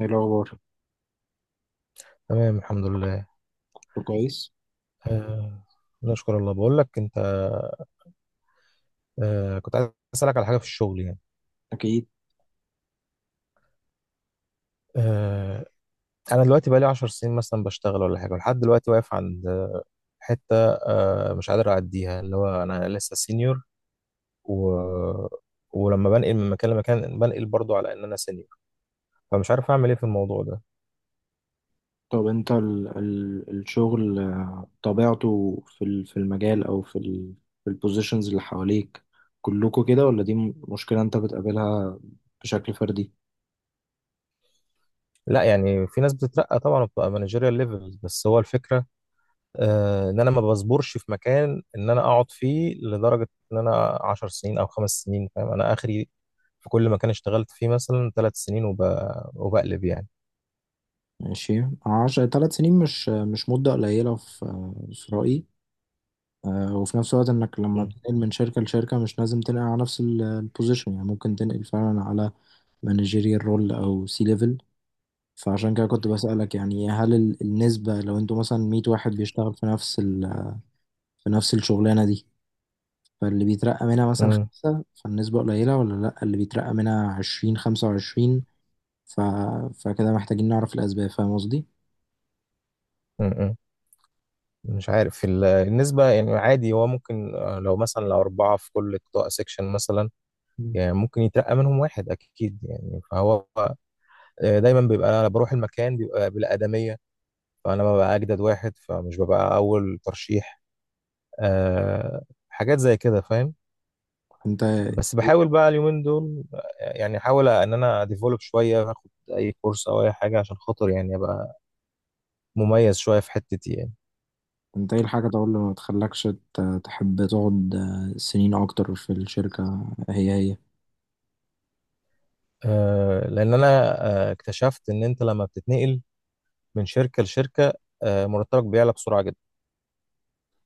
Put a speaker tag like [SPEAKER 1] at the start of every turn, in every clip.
[SPEAKER 1] ايه الأخبار؟
[SPEAKER 2] تمام الحمد لله.
[SPEAKER 1] كله كويس؟
[SPEAKER 2] آه نشكر الله. بقول لك انت، كنت عايز اسالك على حاجه في الشغل يعني.
[SPEAKER 1] أكيد.
[SPEAKER 2] آه انا دلوقتي بقالي 10 سنين مثلا بشتغل ولا حاجه، ولحد دلوقتي واقف عند حته، مش قادر اعديها، اللي هو انا لسه سينيور و... ولما بنقل من مكان لمكان بنقل برضو على ان انا سينيور، فمش عارف اعمل ايه في الموضوع ده.
[SPEAKER 1] طب أنت ال الشغل طبيعته في في المجال أو في البوزيشنز اللي حواليك كلكوا كده، ولا دي مشكلة أنت بتقابلها بشكل فردي؟
[SPEAKER 2] لا يعني في ناس بتترقى طبعا وبتبقى مانجيريال ليفلز، بس هو الفكره، ان انا ما بصبرش في مكان ان انا اقعد فيه لدرجه ان انا 10 سنين او خمس سنين، فاهم انا اخري. في كل مكان اشتغلت فيه مثلا ثلاث سنين وبقلب يعني.
[SPEAKER 1] ماشي. عشر تلات سنين مش مدة قليلة في في رأيي. وفي نفس الوقت إنك لما
[SPEAKER 2] مم.
[SPEAKER 1] تنقل من شركة لشركة مش لازم تنقل على نفس البوزيشن، يعني ممكن تنقل فعلا على مانجيريال رول أو سي ليفل. فعشان كده كنت بسألك، يعني هل النسبة لو انتوا مثلا 100 واحد بيشتغل في نفس في نفس الشغلانة دي، فاللي بيترقى منها مثلا
[SPEAKER 2] مم.
[SPEAKER 1] خمسة فالنسبة قليلة، ولا لأ اللي بيترقى منها 20 25؟ ف... فكده محتاجين نعرف الأسباب. فاهم قصدي؟
[SPEAKER 2] مم. مش عارف في النسبه، يعني عادي. هو ممكن لو مثلا لو اربعه في كل قطاع سيكشن مثلا،
[SPEAKER 1] مم.
[SPEAKER 2] يعني ممكن يترقى منهم واحد اكيد يعني. فهو دايما بيبقى انا بروح المكان بيبقى بالادميه، فانا ببقى اجدد واحد فمش ببقى اول ترشيح. آه، حاجات زي كده فاهم.
[SPEAKER 1] انت
[SPEAKER 2] بس بحاول بقى اليومين دول يعني احاول ان انا ديفلوب شويه، اخد اي كورس او اي حاجه عشان خاطر يعني ابقى مميز شويه في حتتي يعني.
[SPEAKER 1] انت ايه الحاجة طبعا اللي ما تخلكش تحب تقعد سنين أكتر في الشركة هي؟
[SPEAKER 2] أه لان انا اكتشفت ان انت لما بتتنقل من شركه لشركه، أه مرتبك بيعلى بسرعه جدا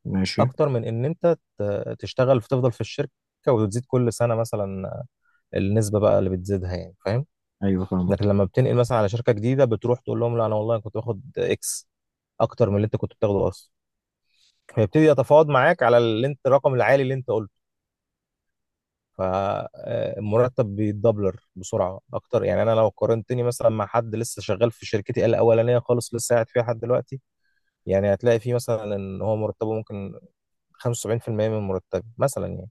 [SPEAKER 1] ماشي.
[SPEAKER 2] اكتر من ان انت تشتغل فتفضل في الشركه وتزيد كل سنه مثلا، النسبه بقى اللي بتزيدها يعني فاهم.
[SPEAKER 1] أيوة فاهمك.
[SPEAKER 2] لكن لما بتنقل مثلا على شركه جديده بتروح تقول لهم لا انا والله كنت باخد اكس اكتر من اللي انت كنت بتاخده اصلا، فيبتدي يتفاوض معاك على اللي انت الرقم العالي اللي انت قلته. فالمرتب بيتدبلر بسرعه اكتر يعني. انا لو قارنتني مثلا مع حد لسه شغال في شركتي الاولانيه خالص لسه قاعد فيها لحد دلوقتي، يعني هتلاقي فيه مثلا ان هو مرتبه ممكن 75% من مرتبي مثلا يعني،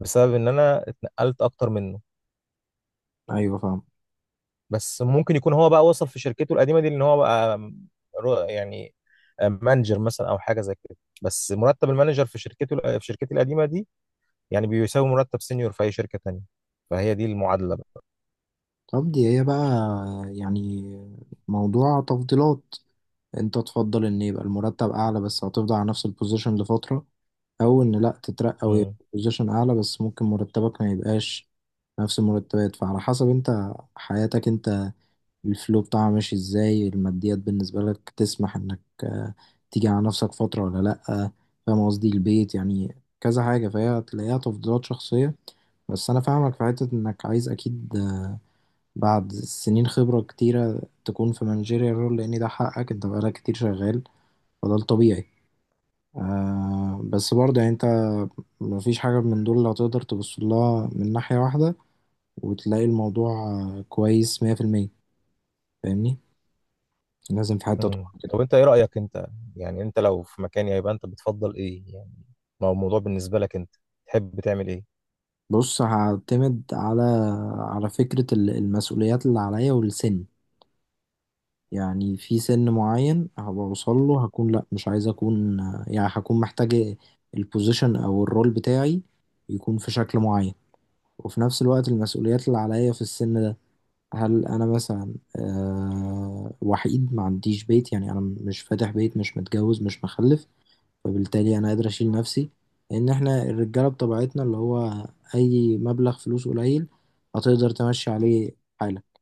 [SPEAKER 2] بسبب ان انا اتنقلت اكتر منه.
[SPEAKER 1] أيوة فاهم.
[SPEAKER 2] بس ممكن يكون هو بقى وصل في شركته القديمه دي ان هو بقى يعني مانجر مثلا او حاجه زي كده، بس مرتب المانجر في شركته، في شركتي القديمه دي، يعني بيساوي مرتب سينيور في اي شركه تانية. فهي دي المعادله بقى.
[SPEAKER 1] طب دي هي بقى يعني موضوع تفضيلات. انت تفضل ان يبقى المرتب اعلى بس هتفضل على نفس البوزيشن لفترة، او ان لا تترقى ويبقى
[SPEAKER 2] امم.
[SPEAKER 1] بوزيشن اعلى بس ممكن مرتبك ما يبقاش نفس المرتبات. فعلى حسب انت حياتك انت الفلو بتاعها ماشي ازاي، الماديات بالنسبة لك تسمح انك تيجي على نفسك فترة ولا لا. فاهم قصدي؟ البيت يعني، كذا حاجة، فهي هتلاقيها تفضيلات شخصية. بس انا فاهمك في حتة انك عايز اكيد بعد سنين خبرة كتيرة تكون في مانجيريال رول، لان ده حقك، انت بقالك كتير شغال، فده الطبيعي. آه بس برضه يعني انت مفيش حاجة من دول اللي هتقدر تبص لها من ناحية واحدة وتلاقي الموضوع كويس مية في المية. فاهمني؟ لازم في حتة
[SPEAKER 2] امم،
[SPEAKER 1] تقع كده.
[SPEAKER 2] طب انت ايه رايك انت؟ يعني انت لو في مكاني هيبقى انت بتفضل ايه يعني؟ ما هو الموضوع بالنسبه لك انت، تحب تعمل ايه؟
[SPEAKER 1] بص، هعتمد على على فكرة المسؤوليات اللي عليا والسن. يعني في سن معين هبقى اوصل له هكون لا مش عايز اكون يعني هكون محتاج البوزيشن او الرول بتاعي يكون في شكل معين. وفي نفس الوقت المسؤوليات اللي عليا في السن ده، هل انا مثلا أه وحيد ما عنديش بيت؟ يعني انا مش فاتح بيت، مش متجوز، مش مخلف، فبالتالي انا قادر اشيل نفسي. لان احنا الرجاله بطبيعتنا اللي هو اي مبلغ فلوس قليل هتقدر تمشي عليه حالك.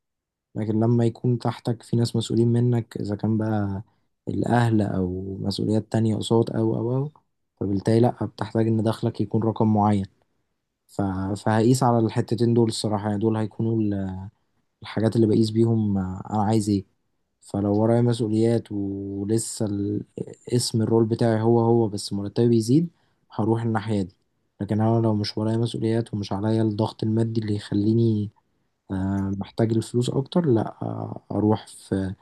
[SPEAKER 1] لكن لما يكون تحتك في ناس مسؤولين منك، اذا كان بقى الاهل او مسؤوليات تانية قصاد او فبالتالي لا بتحتاج ان دخلك يكون رقم معين. ف- فهقيس على الحتتين دول الصراحة. يعني دول هيكونوا الحاجات اللي بقيس بيهم انا عايز ايه. فلو ورايا مسؤوليات ولسه اسم الرول بتاعي هو بس مرتبي بيزيد، هروح الناحية دي. لكن انا لو مش ورايا مسؤوليات ومش عليا الضغط المادي اللي يخليني محتاج الفلوس اكتر، لا اروح في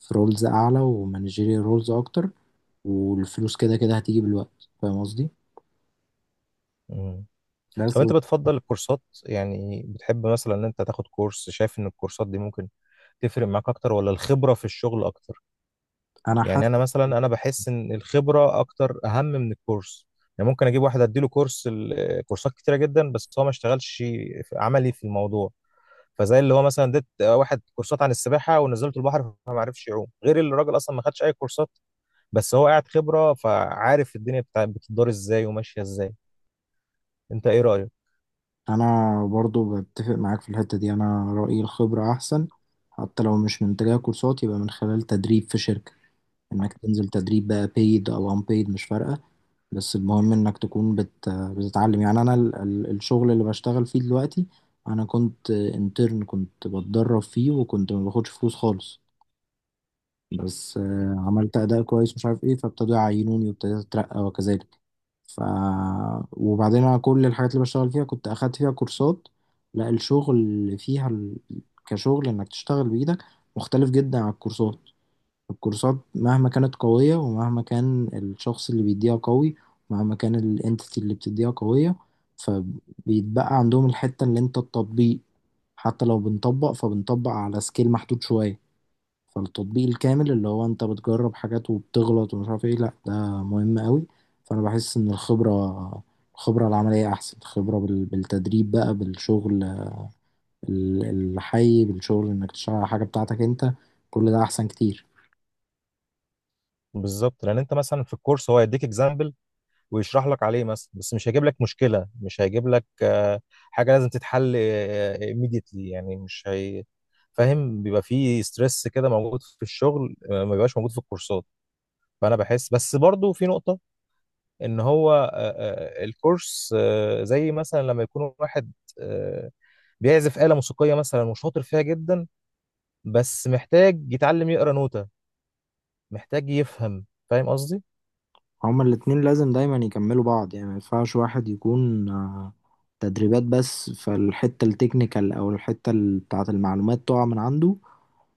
[SPEAKER 1] في رولز اعلى ومانجيريال رولز اكتر، والفلوس كده كده هتيجي بالوقت. فاهم قصدي؟
[SPEAKER 2] امم، طب
[SPEAKER 1] بس.
[SPEAKER 2] انت بتفضل الكورسات؟ يعني بتحب مثلا ان انت تاخد كورس؟ شايف ان الكورسات دي ممكن تفرق معاك اكتر ولا الخبره في الشغل اكتر؟
[SPEAKER 1] انا
[SPEAKER 2] يعني انا
[SPEAKER 1] حاسس،
[SPEAKER 2] مثلا انا بحس ان الخبره اكتر اهم من الكورس. يعني ممكن اجيب واحد اديله كورس كورسات كتيره جدا، بس هو ما اشتغلش عملي في الموضوع. فزي اللي هو مثلا اديت واحد كورسات عن السباحه ونزلته البحر فما عرفش يعوم، غير اللي الراجل اصلا ما خدش اي كورسات بس هو قاعد خبره فعارف الدنيا بتاع بتدار ازاي وماشيه ازاي. انت ايه رايك؟
[SPEAKER 1] انا برضو بتفق معاك في الحتة دي. انا رأيي الخبرة احسن، حتى لو مش من تجاه كورسات يبقى من خلال تدريب في شركة، انك تنزل تدريب بقى paid او unpaid مش فارقة، بس المهم انك تكون بتتعلم. يعني انا الشغل اللي بشتغل فيه دلوقتي انا كنت انترن، كنت بتدرب فيه وكنت ما باخدش فلوس خالص، بس عملت أداء كويس مش عارف إيه فابتدوا يعينوني وابتديت أترقى وكذلك. ف وبعدين أنا كل الحاجات اللي بشتغل فيها كنت أخدت فيها كورسات. لا الشغل فيها كشغل إنك تشتغل بإيدك مختلف جدا عن الكورسات. الكورسات مهما كانت قوية، ومهما كان الشخص اللي بيديها قوي، ومهما كان الانتيتي اللي بتديها قوية، فبيتبقى عندهم الحتة اللي انت التطبيق. حتى لو بنطبق فبنطبق على سكيل محدود شوية. فالتطبيق الكامل اللي هو انت بتجرب حاجات وبتغلط ومش عارف ايه، لا ده مهم قوي. فانا بحس ان الخبرة، الخبرة العملية احسن، الخبرة بالتدريب بقى بالشغل الحي، بالشغل انك تشتغل على حاجة بتاعتك انت، كل ده احسن كتير.
[SPEAKER 2] بالظبط، لان انت مثلا في الكورس هو يديك اكزامبل ويشرح لك عليه مثلا، بس مش هيجيب لك مشكله، مش هيجيب لك حاجه لازم تتحل immediately يعني، مش هي. فاهم بيبقى في ستريس كده موجود في الشغل ما بيبقاش موجود في الكورسات. فانا بحس بس برضو في نقطه ان هو الكورس زي مثلا لما يكون واحد آه، بيعزف آلة موسيقية مثلا وشاطر فيها جدا، بس محتاج يتعلم يقرا نوتة، محتاج يفهم. فاهم قصدي؟
[SPEAKER 1] هما الاتنين لازم دايما يكملوا بعض. يعني ما ينفعش واحد يكون تدريبات بس فالحتة التكنيكال او الحتة بتاعة المعلومات تقع من عنده،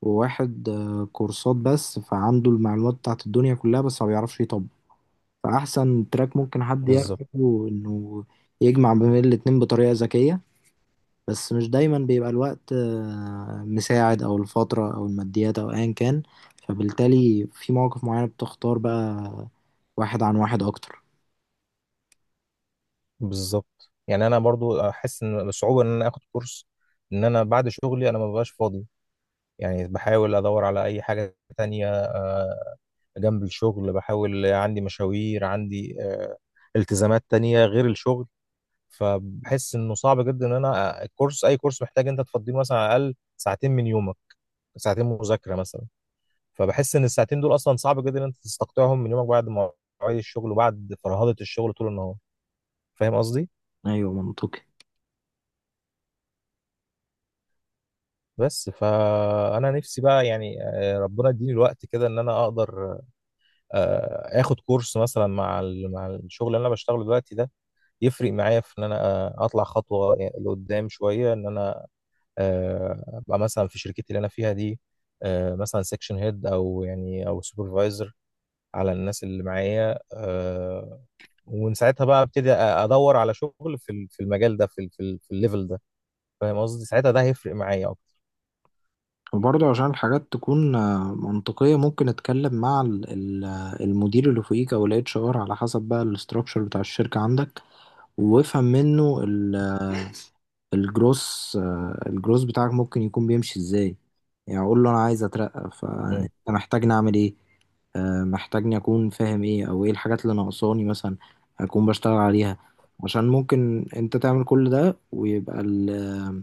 [SPEAKER 1] وواحد كورسات بس فعنده المعلومات بتاعة الدنيا كلها بس ما بيعرفش يطبق. فأحسن تراك ممكن حد
[SPEAKER 2] بالظبط.
[SPEAKER 1] يعمله إنه يجمع بين الاتنين بطريقة ذكية. بس مش دايما بيبقى الوقت مساعد أو الفترة أو الماديات أو أيا كان، فبالتالي في مواقف معينة بتختار بقى واحد عن واحد أكتر.
[SPEAKER 2] يعني انا برضو احس ان بصعوبة ان انا اخد كورس. ان انا بعد شغلي انا ما ببقاش فاضي، يعني بحاول ادور على اي حاجة تانية جنب الشغل. بحاول عندي مشاوير، عندي التزامات تانية غير الشغل. فبحس انه صعب جدا ان انا الكورس، اي كورس محتاج انت تفضيه مثلا على الاقل ساعتين من يومك، ساعتين مذاكره مثلا. فبحس ان الساعتين دول اصلا صعب جدا ان انت تستقطعهم من يومك بعد مواعيد الشغل وبعد فرهضه الشغل طول النهار. فاهم قصدي؟
[SPEAKER 1] أيوة منطقي.
[SPEAKER 2] بس فانا نفسي بقى يعني ربنا يديني الوقت كده ان انا اقدر اخد كورس مثلا مع مع الشغل اللي انا بشتغله دلوقتي ده، يفرق معايا في ان انا اطلع خطوه يعني لقدام شويه، ان انا ابقى مثلا في شركتي اللي انا فيها دي مثلا سيكشن هيد او يعني او سوبرفايزر على الناس اللي معايا. ومن ساعتها بقى ابتدي ادور على شغل في في المجال ده، في في الليفل ده. فاهم قصدي؟ ساعتها ده هيفرق معايا اكتر.
[SPEAKER 1] وبرضه عشان الحاجات تكون منطقية ممكن أتكلم مع المدير اللي فوقيك أو ال HR، على حسب بقى الاستراكشر بتاع الشركة عندك، وافهم منه الجروس، الجروس بتاعك ممكن يكون بيمشي ازاي. يعني اقول له انا عايز اترقى،
[SPEAKER 2] مم.
[SPEAKER 1] فانت محتاجني اعمل ايه؟ محتاجني اكون فاهم ايه، او ايه الحاجات اللي ناقصاني مثلا اكون بشتغل عليها. عشان ممكن انت تعمل كل ده ويبقى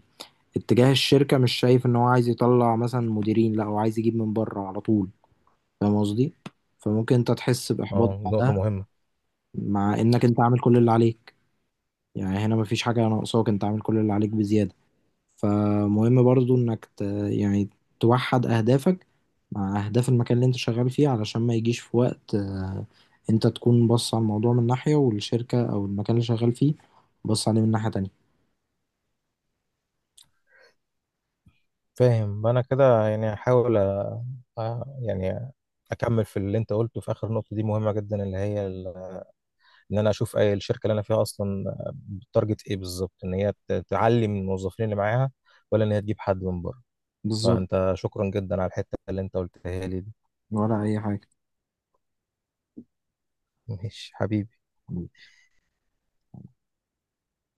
[SPEAKER 1] اتجاه الشركة مش شايف ان هو عايز يطلع مثلا مديرين، لا هو عايز يجيب من بره على طول. فاهم قصدي؟ فممكن انت تحس باحباط
[SPEAKER 2] اه، نقطة
[SPEAKER 1] بعدها،
[SPEAKER 2] مهمة.
[SPEAKER 1] مع انك انت عامل كل اللي عليك. يعني هنا مفيش حاجة ناقصاك، انت عامل كل اللي عليك بزيادة. فمهم برضو انك يعني توحد اهدافك مع اهداف المكان اللي انت شغال فيه، علشان ما يجيش في وقت انت تكون بص على الموضوع من ناحية، والشركة او المكان اللي شغال فيه بص عليه من ناحية تانية.
[SPEAKER 2] فاهم انا كده. يعني هحاول يعني اكمل في اللي انت قلته في اخر نقطة دي، مهمة جدا، اللي هي ان انا اشوف اي الشركة اللي انا فيها اصلا تارجت ايه بالظبط، ان هي تعلي من الموظفين اللي معاها ولا ان هي تجيب حد من بره.
[SPEAKER 1] بالظبط.
[SPEAKER 2] فانت شكرا جدا على الحته اللي انت قلتها لي دي.
[SPEAKER 1] ولا اي حاجة.
[SPEAKER 2] ماشي حبيبي.